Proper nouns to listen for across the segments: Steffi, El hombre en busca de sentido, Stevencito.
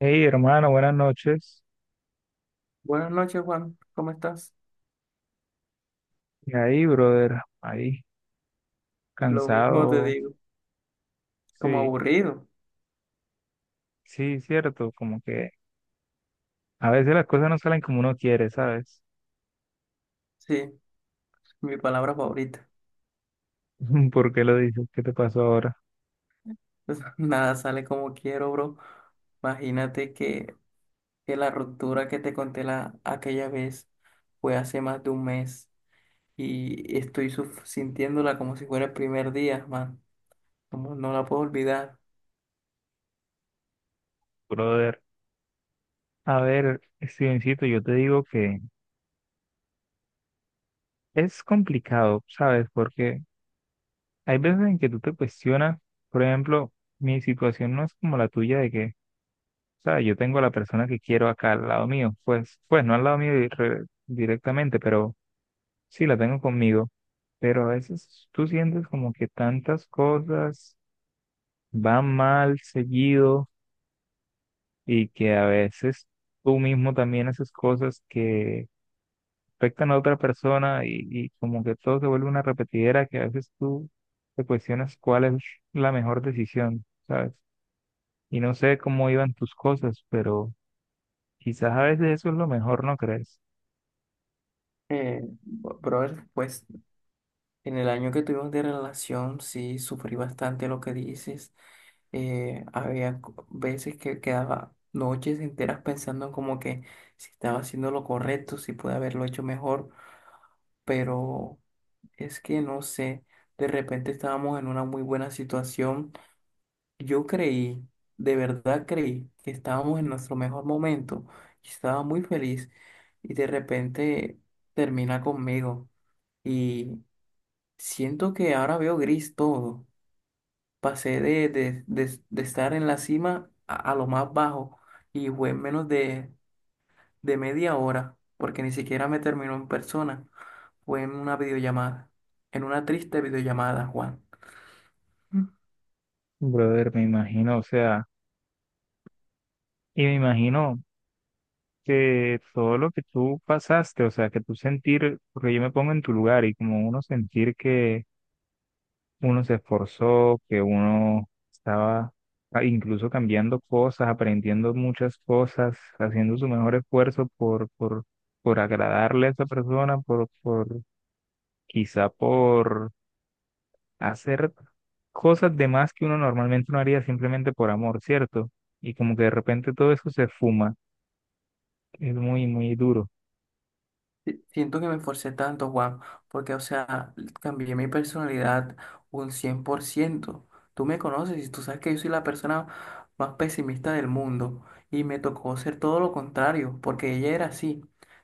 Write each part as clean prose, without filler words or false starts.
Hey, hermano, buenas noches. Buenas noches, Juan. ¿Cómo estás? Y ahí, brother, ahí, Lo mismo te cansado. digo. Como Sí, aburrido. sí, cierto, como que a veces las cosas no salen como uno quiere, ¿sabes? Sí, mi palabra favorita. ¿Por qué lo dices? ¿Qué te pasó ahora, Nada sale como quiero, bro. Imagínate que la ruptura que te conté aquella vez fue hace más de un mes y estoy sintiéndola como si fuera el primer día, man. Como no la puedo olvidar. brother? A ver, Stevencito, yo te digo que es complicado, ¿sabes? Porque hay veces en que tú te cuestionas, por ejemplo, mi situación no es como la tuya de que, o sea, yo tengo a la persona que quiero acá al lado mío, pues, pues no al lado mío directamente, pero sí, la tengo conmigo, pero a veces tú sientes como que tantas cosas van mal seguido y que a veces tú mismo también haces cosas que afectan a otra persona y como que todo se vuelve una repetidera que a veces tú te cuestionas cuál es la mejor decisión, ¿sabes? Y no sé cómo iban tus cosas, pero quizás a veces eso es lo mejor, ¿no crees? Bro, pues en el año que tuvimos de relación, sí, sufrí bastante lo que dices. Había veces que quedaba noches enteras pensando como que si estaba haciendo lo correcto, si pude haberlo hecho mejor, pero es que no sé, de repente estábamos en una muy buena situación. Yo creí, de verdad creí, que estábamos en nuestro mejor momento y estaba muy feliz y de repente termina conmigo y siento que ahora veo gris todo. Pasé de estar en la cima a lo más bajo, y fue en menos de media hora, porque ni siquiera me terminó en persona, fue en una videollamada, en una triste videollamada, Juan. Brother, me imagino, o sea, y me imagino que todo lo que tú pasaste, o sea, que tú sentir, porque yo me pongo en tu lugar y como uno sentir que uno se esforzó, que uno estaba incluso cambiando cosas, aprendiendo muchas cosas, haciendo su mejor esfuerzo por agradarle a esa persona, quizá por hacer cosas de más que uno normalmente no haría simplemente por amor, ¿cierto? Y como que de repente todo eso se fuma, es muy, muy duro. Siento que me esforcé tanto, Juan, porque, o sea, cambié mi personalidad un 100%. Tú me conoces y tú sabes que yo soy la persona más pesimista del mundo y me tocó ser todo lo contrario, porque ella era así.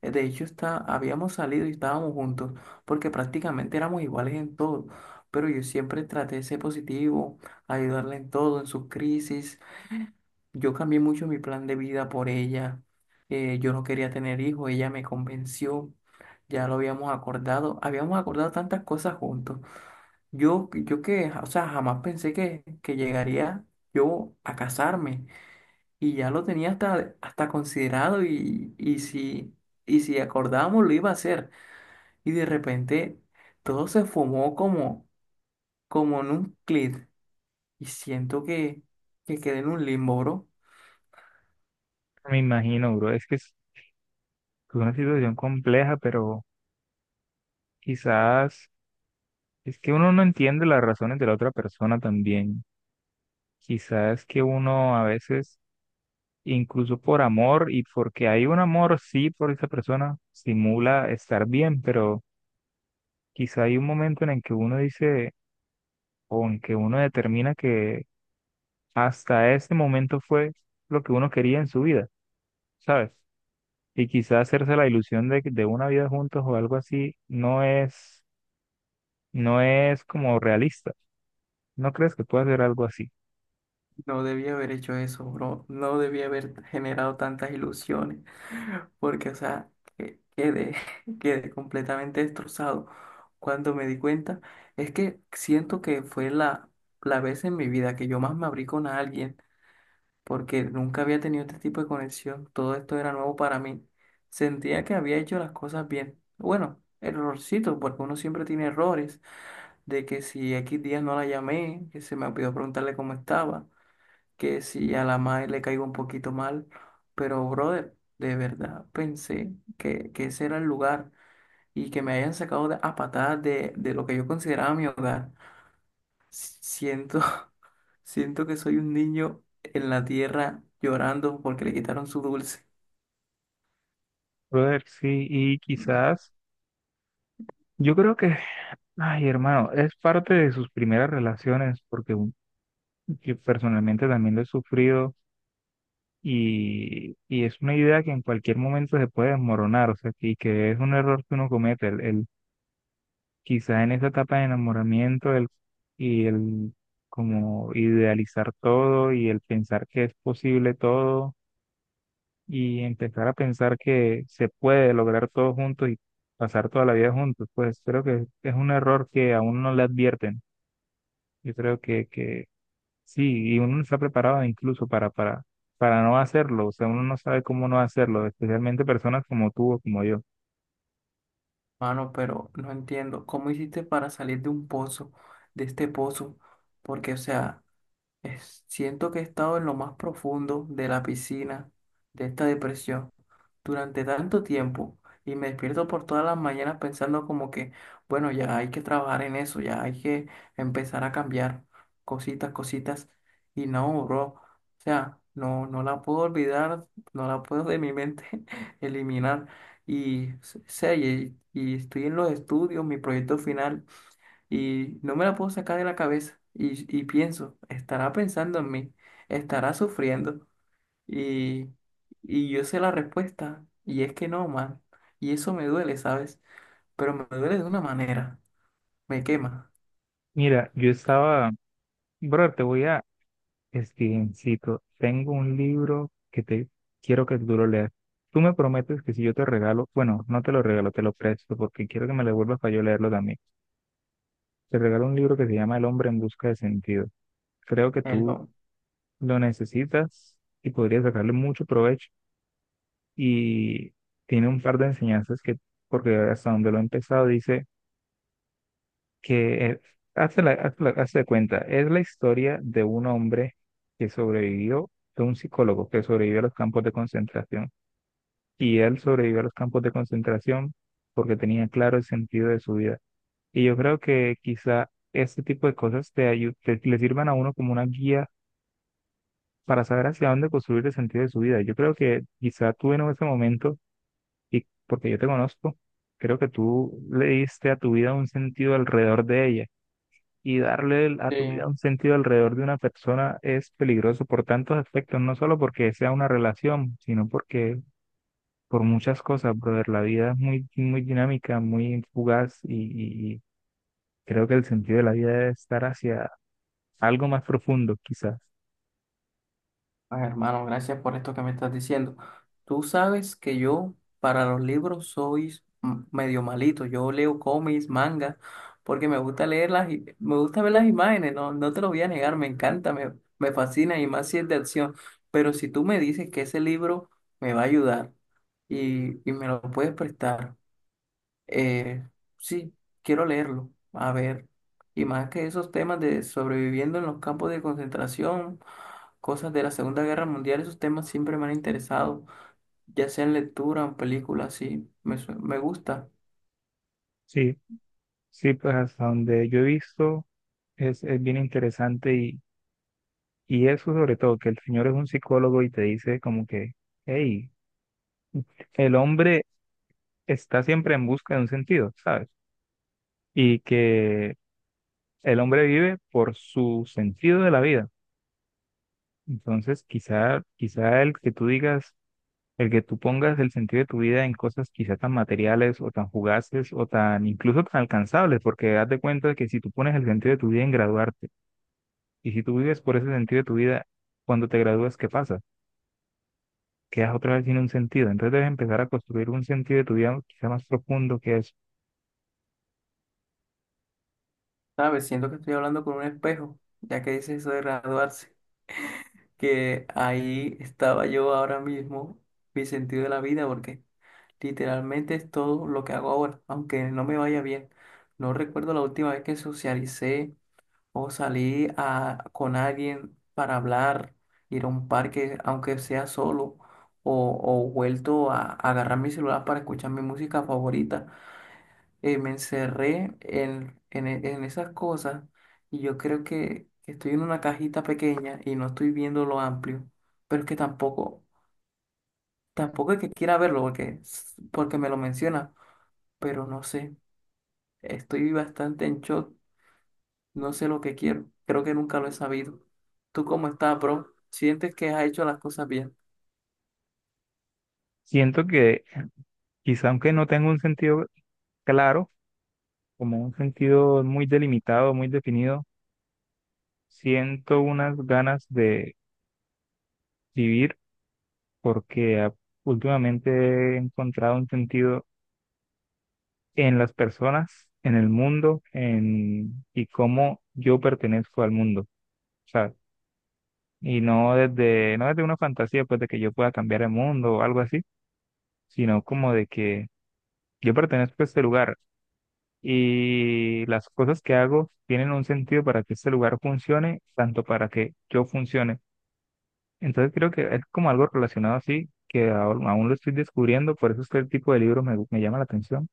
De hecho, habíamos salido y estábamos juntos, porque prácticamente éramos iguales en todo, pero yo siempre traté de ser positivo, ayudarla en todo, en sus crisis. Yo cambié mucho mi plan de vida por ella. Yo no quería tener hijos, ella me convenció. Ya lo habíamos acordado. Habíamos acordado tantas cosas juntos. Yo o sea, jamás pensé que llegaría yo a casarme. Y ya lo tenía hasta considerado, y si acordábamos lo iba a hacer. Y de repente todo se fumó como, como en un clic. Y siento que quedé en un limbo, bro. Me imagino, bro, es que es una situación compleja, pero quizás es que uno no entiende las razones de la otra persona también. Quizás que uno a veces, incluso por amor y porque hay un amor, sí, por esa persona, simula estar bien, pero quizá hay un momento en el que uno dice o en que uno determina que hasta ese momento fue lo que uno quería en su vida, ¿sabes? Y quizá hacerse la ilusión de una vida juntos o algo así no es, no es como realista. ¿No crees que pueda ser algo así? No debía haber hecho eso, bro. No debía haber generado tantas ilusiones, porque, o sea, quedé, quedé completamente destrozado. Cuando me di cuenta, es que siento que fue la vez en mi vida que yo más me abrí con alguien, porque nunca había tenido este tipo de conexión. Todo esto era nuevo para mí. Sentía que había hecho las cosas bien. Bueno, errorcito, porque uno siempre tiene errores, de que si X días no la llamé, que se me olvidó preguntarle cómo estaba, que si a la madre le caigo un poquito mal, pero brother, de verdad pensé que ese era el lugar, y que me hayan sacado a patadas de lo que yo consideraba mi hogar. Siento, siento que soy un niño en la tierra llorando porque le quitaron su dulce. Brother, sí, y Mm, quizás, yo creo que, ay, hermano, es parte de sus primeras relaciones, porque yo personalmente también lo he sufrido y es una idea que en cualquier momento se puede desmoronar, o sea, y que es un error que uno comete, quizás en esa etapa de enamoramiento el, y el como idealizar todo y el pensar que es posible todo y empezar a pensar que se puede lograr todo juntos y pasar toda la vida juntos, pues creo que es un error que a uno no le advierten. Yo creo que sí, y uno no está preparado incluso para no hacerlo, o sea, uno no sabe cómo no hacerlo, especialmente personas como tú o como yo. Mano, pero no entiendo, ¿cómo hiciste para salir de un pozo, de este pozo? Porque, o sea... Siento que he estado en lo más profundo de la piscina de esta depresión durante tanto tiempo y me despierto por todas las mañanas pensando como que, bueno, ya hay que trabajar en eso, ya hay que empezar a cambiar cositas, cositas. Y no, bro, o sea, no, no la puedo olvidar, no la puedo de mi mente eliminar. Y, sé, y estoy en los estudios, mi proyecto final, y no me la puedo sacar de la cabeza. Y pienso, estará pensando en mí, estará sufriendo y, y yo sé la respuesta y es que no, man. Y eso me duele, ¿sabes? Pero me duele de una manera, me quema Mira, yo estaba, bro, te voy a, Stevencito, tengo un libro que te quiero que tú lo leas. Tú me prometes que si yo te regalo, bueno, no te lo regalo, te lo presto porque quiero que me lo devuelvas para yo leerlo también. Te regalo un libro que se llama El hombre en busca de sentido. Creo que el tú don. lo necesitas y podrías sacarle mucho provecho. Y tiene un par de enseñanzas que, porque hasta donde lo he empezado, dice que, hazte de cuenta, es la historia de un hombre que sobrevivió, de un psicólogo que sobrevivió a los campos de concentración. Y él sobrevivió a los campos de concentración porque tenía claro el sentido de su vida. Y yo creo que quizá este tipo de cosas le sirvan a uno como una guía para saber hacia dónde construir el sentido de su vida. Yo creo que quizá tú en ese momento, y porque yo te conozco, creo que tú le diste a tu vida un sentido alrededor de ella. Y darle a tu vida un sentido alrededor de una persona es peligroso por tantos aspectos, no solo porque sea una relación, sino porque por muchas cosas, brother. La vida es muy, muy dinámica, muy fugaz y creo que el sentido de la vida debe estar hacia algo más profundo, quizás. Ay, hermano, gracias por esto que me estás diciendo. Tú sabes que yo para los libros soy medio malito. Yo leo cómics, mangas, porque me gusta leer me gusta ver las imágenes, no, no te lo voy a negar, me encanta, me fascina, y más si es de acción. Pero si tú me dices que ese libro me va a ayudar y me lo puedes prestar. Eh, sí, quiero leerlo. A ver. Y más que esos temas de sobreviviendo en los campos de concentración, cosas de la Segunda Guerra Mundial, esos temas siempre me han interesado, ya sea en lectura o en película, sí, me, me gusta. Sí, sí, pues hasta donde yo he visto es bien interesante y eso sobre todo, que el señor es un psicólogo y te dice como que, hey, el hombre está siempre en busca de un sentido, ¿sabes? Y que el hombre vive por su sentido de la vida. Entonces, quizá el que tú digas, el que tú pongas el sentido de tu vida en cosas quizá tan materiales o tan fugaces o tan incluso tan alcanzables, porque haz de cuenta de que si tú pones el sentido de tu vida en graduarte y si tú vives por ese sentido de tu vida, cuando te gradúas, ¿qué pasa? Quedas otra vez sin un sentido. Entonces debes empezar a construir un sentido de tu vida quizá más profundo que eso. ¿Sabes? Siento que estoy hablando con un espejo, ya que dices eso de graduarse, que ahí estaba yo ahora mismo, mi sentido de la vida, porque literalmente es todo lo que hago ahora, aunque no me vaya bien. No recuerdo la última vez que socialicé, o salir con alguien para hablar, ir a un parque, aunque sea solo, o vuelto a agarrar mi celular para escuchar mi música favorita. Me encerré en esas cosas, y yo creo que, estoy en una cajita pequeña y no estoy viendo lo amplio, pero es que tampoco, tampoco es que quiera verlo porque, porque me lo menciona, pero no sé, estoy bastante en shock. No sé lo que quiero. Creo que nunca lo he sabido. ¿Tú cómo estás, bro? ¿Sientes que has hecho las cosas bien? Siento que quizá aunque no tenga un sentido claro, como un sentido muy delimitado, muy definido, siento unas ganas de vivir porque últimamente he encontrado un sentido en las personas, en el mundo, en y cómo yo pertenezco al mundo, ¿sabes? Y no desde una fantasía pues de que yo pueda cambiar el mundo o algo así, sino como de que yo pertenezco a este lugar y las cosas que hago tienen un sentido para que este lugar funcione, tanto para que yo funcione. Entonces creo que es como algo relacionado así, que aún lo estoy descubriendo, por eso es que el tipo de libro me llama la atención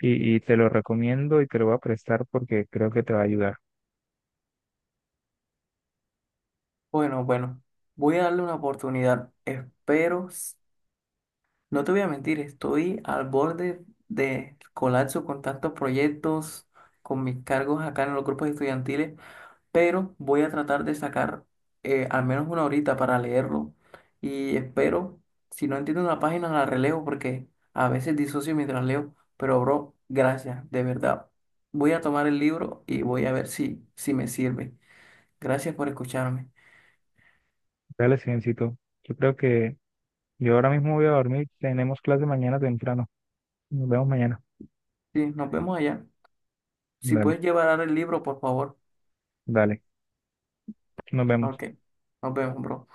y te lo recomiendo y te lo voy a prestar porque creo que te va a ayudar. Bueno, bueno, voy a darle una oportunidad. Espero, no te voy a mentir, estoy al borde de colapso con tantos proyectos, con mis cargos acá en los grupos estudiantiles. Pero voy a tratar de sacar al menos una horita para leerlo, y espero, si no entiendo una página, la releo porque a veces disocio mientras leo, pero bro, gracias, de verdad. Voy a tomar el libro y voy a ver si me sirve. Gracias por escucharme. Dale, Silencito. Yo creo que yo ahora mismo voy a dormir, tenemos clase mañana temprano. Nos vemos mañana. Sí, nos vemos allá. Si Dale, puedes llevar el libro, por favor. dale, nos vemos. OK, nos vemos, bro.